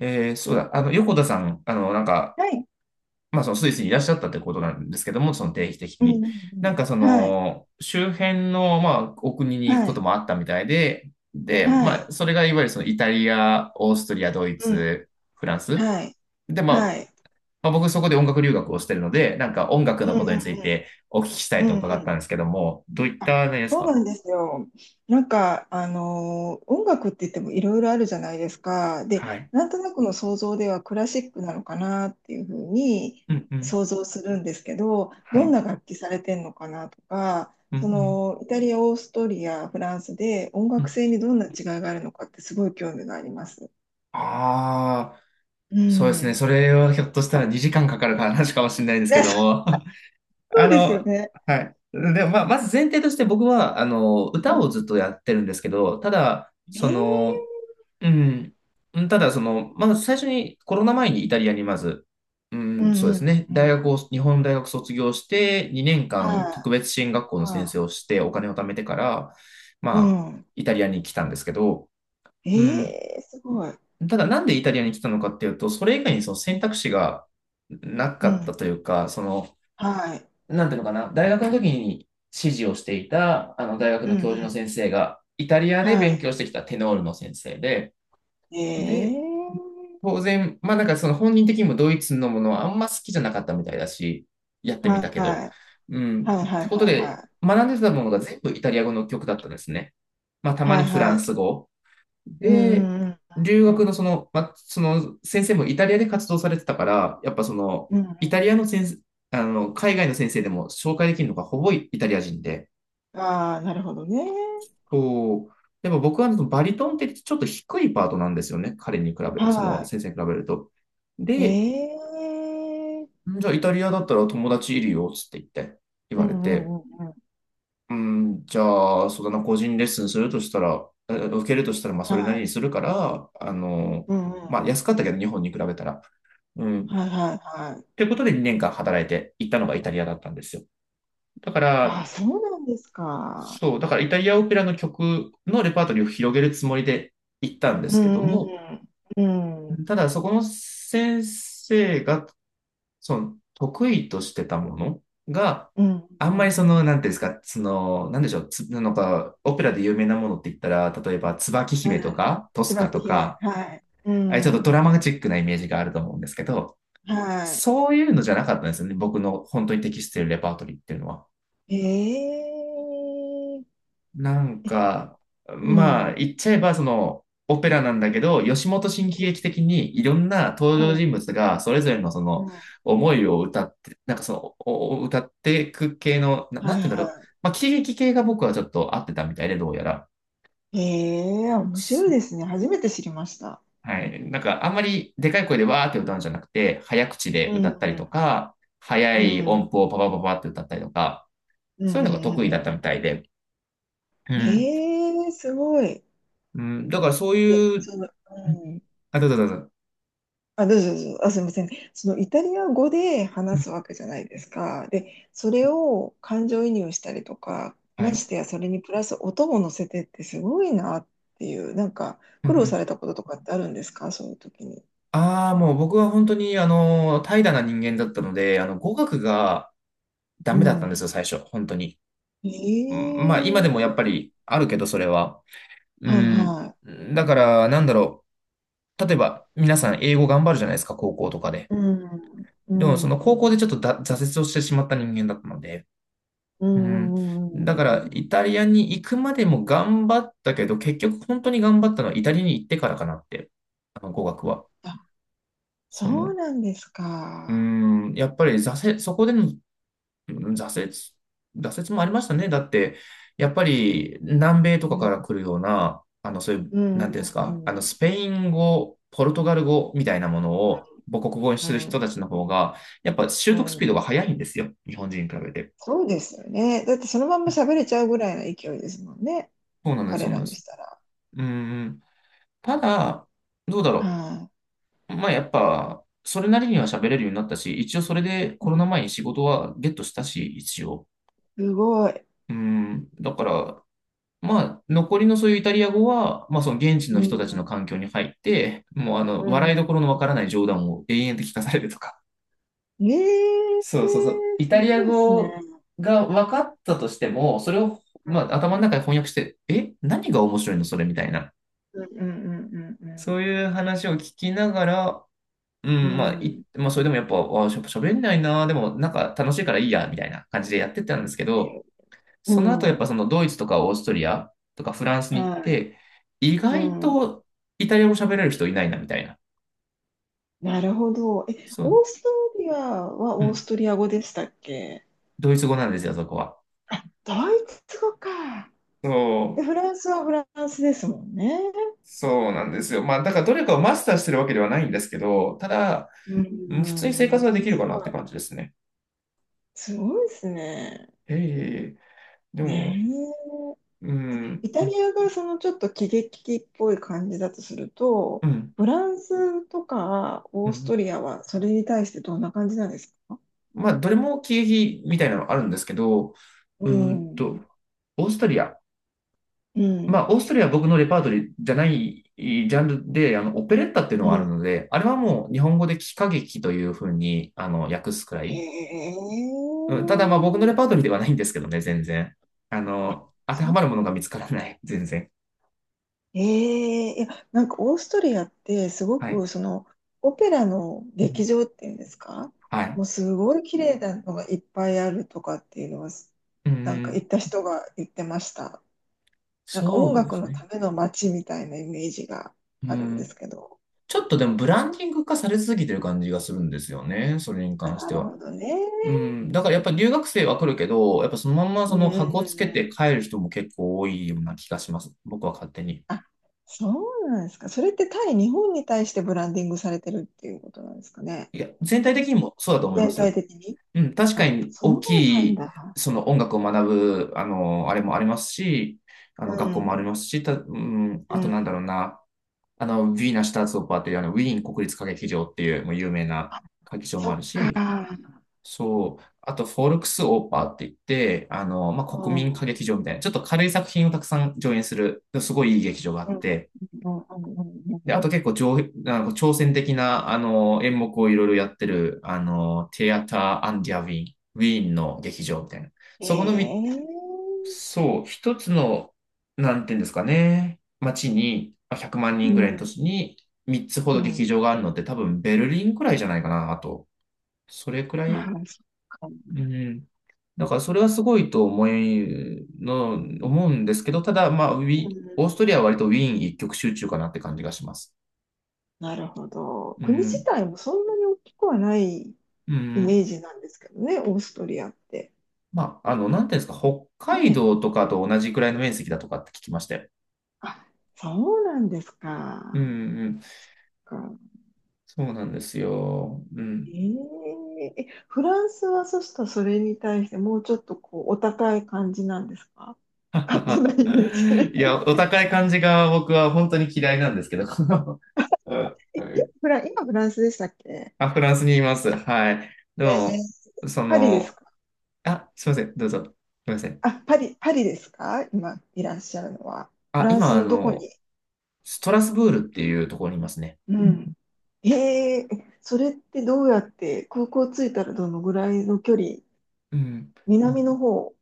えー、そうだ、あの、横田さん、はい。そのスイスにいらっしゃったってことなんですけども、その定期的うんうに。んうん。はい。周辺の、お国に行くはことい。もあったみたいで、で、はい。それがいわゆるそのイタリア、オーストリア、ドイうん。ツ、フランス。はい。で、まあ、はい。まあ、僕そこで音楽留学をしてるので、音楽うのんことにうつんいてお聞きしたいうとん。う伺んうったんん。ですけども、どういったねですそうか。なんですよ。音楽って言ってもいろいろあるじゃないですか。で、はい。なんとなくの想像ではクラシックなのかなっていうふうにうんうん。想像するんですけど、はい。うどんんな楽器されてんのかなとか、うそん。のイタリア、オーストリア、フランスで音う楽ん。性にどんな違いがあるのかってすごい興味があります。ああ。うそうですね。ん。それはひょっとしたら2時間かかる話かもしれないで すけどね、も。そあうですよの、ね。はい。でも、まあ、まず前提として僕は、歌うをん。ずっとやってるんですけど、ただ、ええ。うん、うんただ、最初にコロナ前にイタリアにまず、ううんん、そうでうすね。んうんう大学ん。を、日本大学卒業して、2年は間特い、別支援学校の先生はをして、お金を貯めてから、い。うまあ、ん。イタリアに来たんですけど、うえん、え、すごい。ただなんでイタリアに来たのかっていうと、それ以外にその選択肢がなうかったん。というか、はい。なんていうのかな、大学の時に指示をしていた、大学うのん教う授のん。先生が、イタリアでは勉強してきたテノールの先生で、い。えで、え。当然、その本人的にもドイツのものはあんま好きじゃなかったみたいだし、やってみはい。たけど、はうん、いっはていことはいはで、い。学んでたものが全部イタリア語の曲だったんですね。まあたまはにいフラはンスい。語、うで、んうん留う学んのその、その先生もイタリアで活動されてたから、やっぱその、うん。うんうイタん。リアの先生、海外の先生でも紹介できるのがほぼイタリア人で、うん。ああ、なるほどね。こう、でも僕はねそのバリトンってちょっと低いパートなんですよね。彼に比べ、そのは先生に比べると。い。で、ええ。じゃあイタリアだったら友達いるよ、つって言って、言うわんうれて。んうんうん。うん、じゃあ、そうだな、個人レッスンするとしたら、え受けるとしたら、そはれなりい。にするから、うんうんうん。安かったけど、日本に比べたら。うん。はいはいはい。ということで、2年間働いて行ったのがイタリアだったんですよ。だかああ、ら、そうなんですか。そう、だからイタリアオペラの曲のレパートリーを広げるつもりで行ったんでうすけどんうも、んうん。うん。ただ、そこの先生がその得意としてたものが、うん、あんうまりそん、の、なんていうんですか、なんでしょう、つなんか、オペラで有名なものって言ったら、例えば、椿う姫とん。か、トスカ椿と姫。か、はい。うあれちょっとドん、ラマチックなイメージがあると思うんですけど、はそういうのじゃなかったんですよね、僕の本当に適しているレパートリーっていうのは。い。ええ。なんか、うん、言っちゃえば、オペラなんだけど、吉本新喜劇的にいろんな登う場ん、人物がそれぞれのそうのん。思いを歌って、なんかその、おお歌っていく系の、なはんいて言うんだろう。はまあ、喜劇系が僕はちょっと合ってたみたいで、どうやら。い。ええ、面白そいうですね。初めて知りました。はい。なんか、あんまりでかい声でわーって歌うんじゃなくて、早口でうん、歌ったうりとん、か、早うい音ん、符をパパパパって歌ったりとか、うん、うん、そういうのが得意うだったみたん。いで。うん。ええ、すごい。うん、だからそうで、いう、その、うん。あ、どうぞどうぞ。あ、どうぞどうぞ。あ、すみません。そのイタリア語で話すわけじゃないですか。で、それを感情移入したりとか、はまい。してやそれにプラス音も乗せてってすごいなっていう、なんかうんう苦労さん。れたこととかってあるんですか、そういう時に。ああ、もう僕は本当に、怠惰な人間だったので、語学がダうメだったんでん。すよ、最初、本当に。今でもやっぱええ。りあるけど、それは。うはいん。はだから、なんだろう。例えば、皆さん英語頑張るじゃないですか、高校とかで。い。うん。うでも、そん。のう高校でん。ちょっとだ挫折をしてしまった人間だったので。ううん。ん。うんだかうら、ん。イタリアに行くまでも頑張ったけど、結局本当に頑張ったのはイタリアに行ってからかなって、語学は。あ、そそうの、なんですうーか。やっぱり挫折、そこでのうん挫折、挫折もありましたね。だって、やっぱり南米とうかかん。ら来るような、あの、そういう、うん。なんていうんですうか、ん。スペイン語、ポルトガル語みたいなものを母国語にうする人たん。ちの方が、やっぱ習う得スん。うピードん。が速いんですよ。日本人に比べて。そうですよね。だってそのまんうまん喋れちゃうぐらいの勢いですもんね。そうなんです、そ彼うなんらでにしす。たら。うーん、ただ、どうだろはう。まあ、やっぱ、それなりには喋れるようになったし、一応それでい、コロうナん。前に仕事はゲットしたし、一応。すごい。うん、だから、残りのそういうイタリア語は、その現地うの人たん。ちの環境に入って、もううん。笑いどころのわからない冗談を延々と聞かされるとか。え え、そうそうそう。イすタリごアいですね。語が分かったとしても、それを、う頭の中でん。翻訳して、え、何が面白いのそれみたいな。うんうんうそうんいう話を聞きながら、ううん、まあ、んうい、ん。まあ、それでもやっぱ、喋んないな、でも、なんか楽しいからいいや、みたいな感じでやってたんですけど、うその後やっん。ぱうん。そのドイツとかオーストリアとかフランスに行っはい。て、意う外ん。とイタリア語喋れる人いないなみたいな。なるほど。え、そオう、ーストリアはうオースん。トリア語でしたっけ？ドイツ語なんですよ、そこは。あ、ドイツ語か。そで、う、フランスはフランスですもんね。そうなんですよ。まあ、だからどれかをマスターしてるわけではないんですけど、ただ、ううん普通に生活はでん。きるすかなっごてい。感じですね。すごいですね。ええ、でねも、うえ。ん、イタリアがそのちょっと喜劇的っぽい感じだとするうと、ん、フランスとかうオースん。トリアはそれに対してどんな感じなんですか？まあ、どれも経費みたいなのあるんですけど、ううーんん。と、オーストリアうまあ、ん。オーストリアは僕のレパートリーじゃないジャンルで、オペレッタっていうのうがあるん。ので、あれはもう日本語で喜歌劇というふうに、訳すくらへい。え。うん、ただ、まあ、僕のレパートリーではないんですけどね、全然。当てそはまるものう。が見つからない、全然。ええ、いや、なんかオーストリアってすごはい。くそのオペラのう劇ん場っていうんですか？はもい。うすごい綺麗なのがいっぱいあるとかっていうのは、うなんか行ん。った人が言ってました。なんか音そうで楽すのね。ための街みたいなイメージがうあるんでん。すけど。ちょっとでも、ブランディング化されすぎてる感じがするんですよね、それにあ、関しなてるは。ほどね。うん、だからやっぱ留学生は来るけど、やっぱそのまんまそうんうのんう箱をつんうけん。て帰る人も結構多いような気がします。僕は勝手に。あ、そうなんですか。それって対日本に対してブランディングされてるっていうことなんですかね。いや、全体的にもそうだと思いま全すよ。体的に。うん、確かあ、にそう大きなんい、だ。その音楽を学ぶ、あれもありますし、う学校もありん。ますし、た、うん、うあとん。なんだろうな、ウィーナ・シュターツオッパーっていう、ウィーン国立歌劇場っていう、もう有名なあ、歌劇場もあそっるか。し、そう。あと、フォルクスオーパーって言って、う国民ん。歌劇場みたいな、ちょっと軽い作品をたくさん上演する、すごいいい劇場があうん。っうん。て、うん。うん。うで、あん。と結構上、なんか挑戦的な、演目をいろいろやってる、テアター・アンディア・ウィーン、ウィーンの劇場みたいな。えそこのみ、え。そう、一つの、なんていうんですかね、街に、まあ、100万う人ぐらいの都ん。市に、3つほうど劇ん。場があるので、多分ベルリンくらいじゃないかな、あと。それくらあい、あ、そっか。うん。だからそれはすごいと思いの、思うんですけど、ただ、うオーストん。リアは割とウィーン一極集中かなって感じがします。なるほど。う国自ん。体もそんなに大きくはないうイメん。ージなんですけどね、オーストリアって。なんていうんですか、北ね海え。道とかと同じくらいの面積だとかって聞きましたよ。あ、そうなんですうんか。うん。か。そうなんですよ。うえん。え、え、フランスはそしたらそれに対してもうちょっとこうお高い感じなんですか？勝手なイメージ。いや、おえ、高い感じが僕は本当に嫌いなんですけど。うんフラ、今フランスでしたっけ？あ、フランスにいます。はい。でえも、ー、そパリですの、か？あ、すいません。どうぞ。すいません。あ、パリ、パリですか、今いらっしゃるのは。フあ、ランス今、のどこに。ストラスブールっていうところにいますね。うん。へえ、それってどうやって空港着いたらどのぐらいの距離、うん。南の方。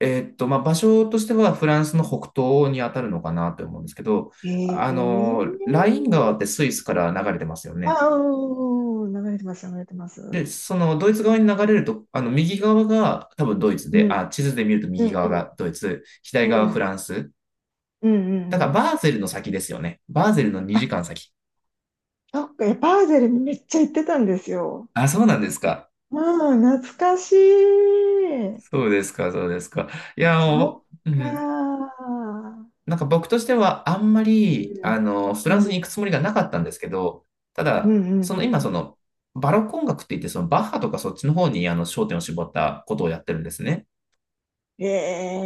えーっと、まあ、場所としてはフランスの北東に当たるのかなと思うんですけど、へえ。ライン川ってスイスから流れてますよね。ああ、うん、流れてます、流れてます。で、そのドイツ側に流れると、右側が多分ドイツうで、ん、あ、地図で見るとう右ん、側うん、がドイツ、左う側がフん、ランス。うん、うだん。うからん。バーゼルの先ですよね。バーゼルのあ、2時間先。そっか、いやバーゼルめっちゃ行ってたんですよ。あ、そうなんですか。うん、懐かしい。そうですか、そうですか。いや、そっもう、うん。か。なんか僕としてはあんまり、うん。フうランスに行くん。つもりがなかったんですけど、たうん。だ、うそん。のう今そん。の、バロック音楽って言って、そのバッハとかそっちの方にあの焦点を絞ったことをやってるんですね。ええ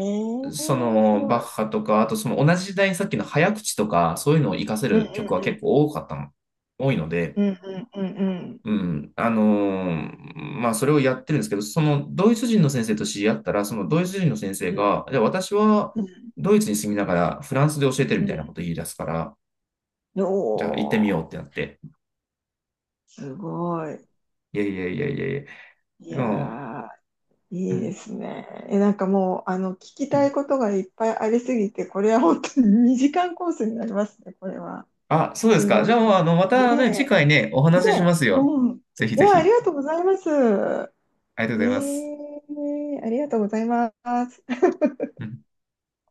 そー、すのバごッい。ハとか、あとその同じ時代にさっきの早口とか、そういうのを活かせうんうんる曲はう結ん。構多かったの、多いので、うんうんうんうん。うん、あのまあそれをやってるんですけど、そのドイツ人の先生と知り合ったら、そのドイツ人の先生うんが、私はうドイツに住みながらフランスで教えてるみたいなんことを言い出すから、うん。じゃあ行ってみようおってなって。ー、すごい。いやいやいやいやいや。いでも、やー、ういいでん、すね。え、なんかもう、あの、聞きうたいん。ことがいっぱいありすぎて、これは本当に2時間コースになりますね、これは。あ、そうですすか。ごじゃいあ、な。またね、次ね回ね、おえ、ね話ししますえ、よ。うん。ぜひいぜや、ありひ。がとうございます。ありがとうえございます。えー、ありがとうございます。うん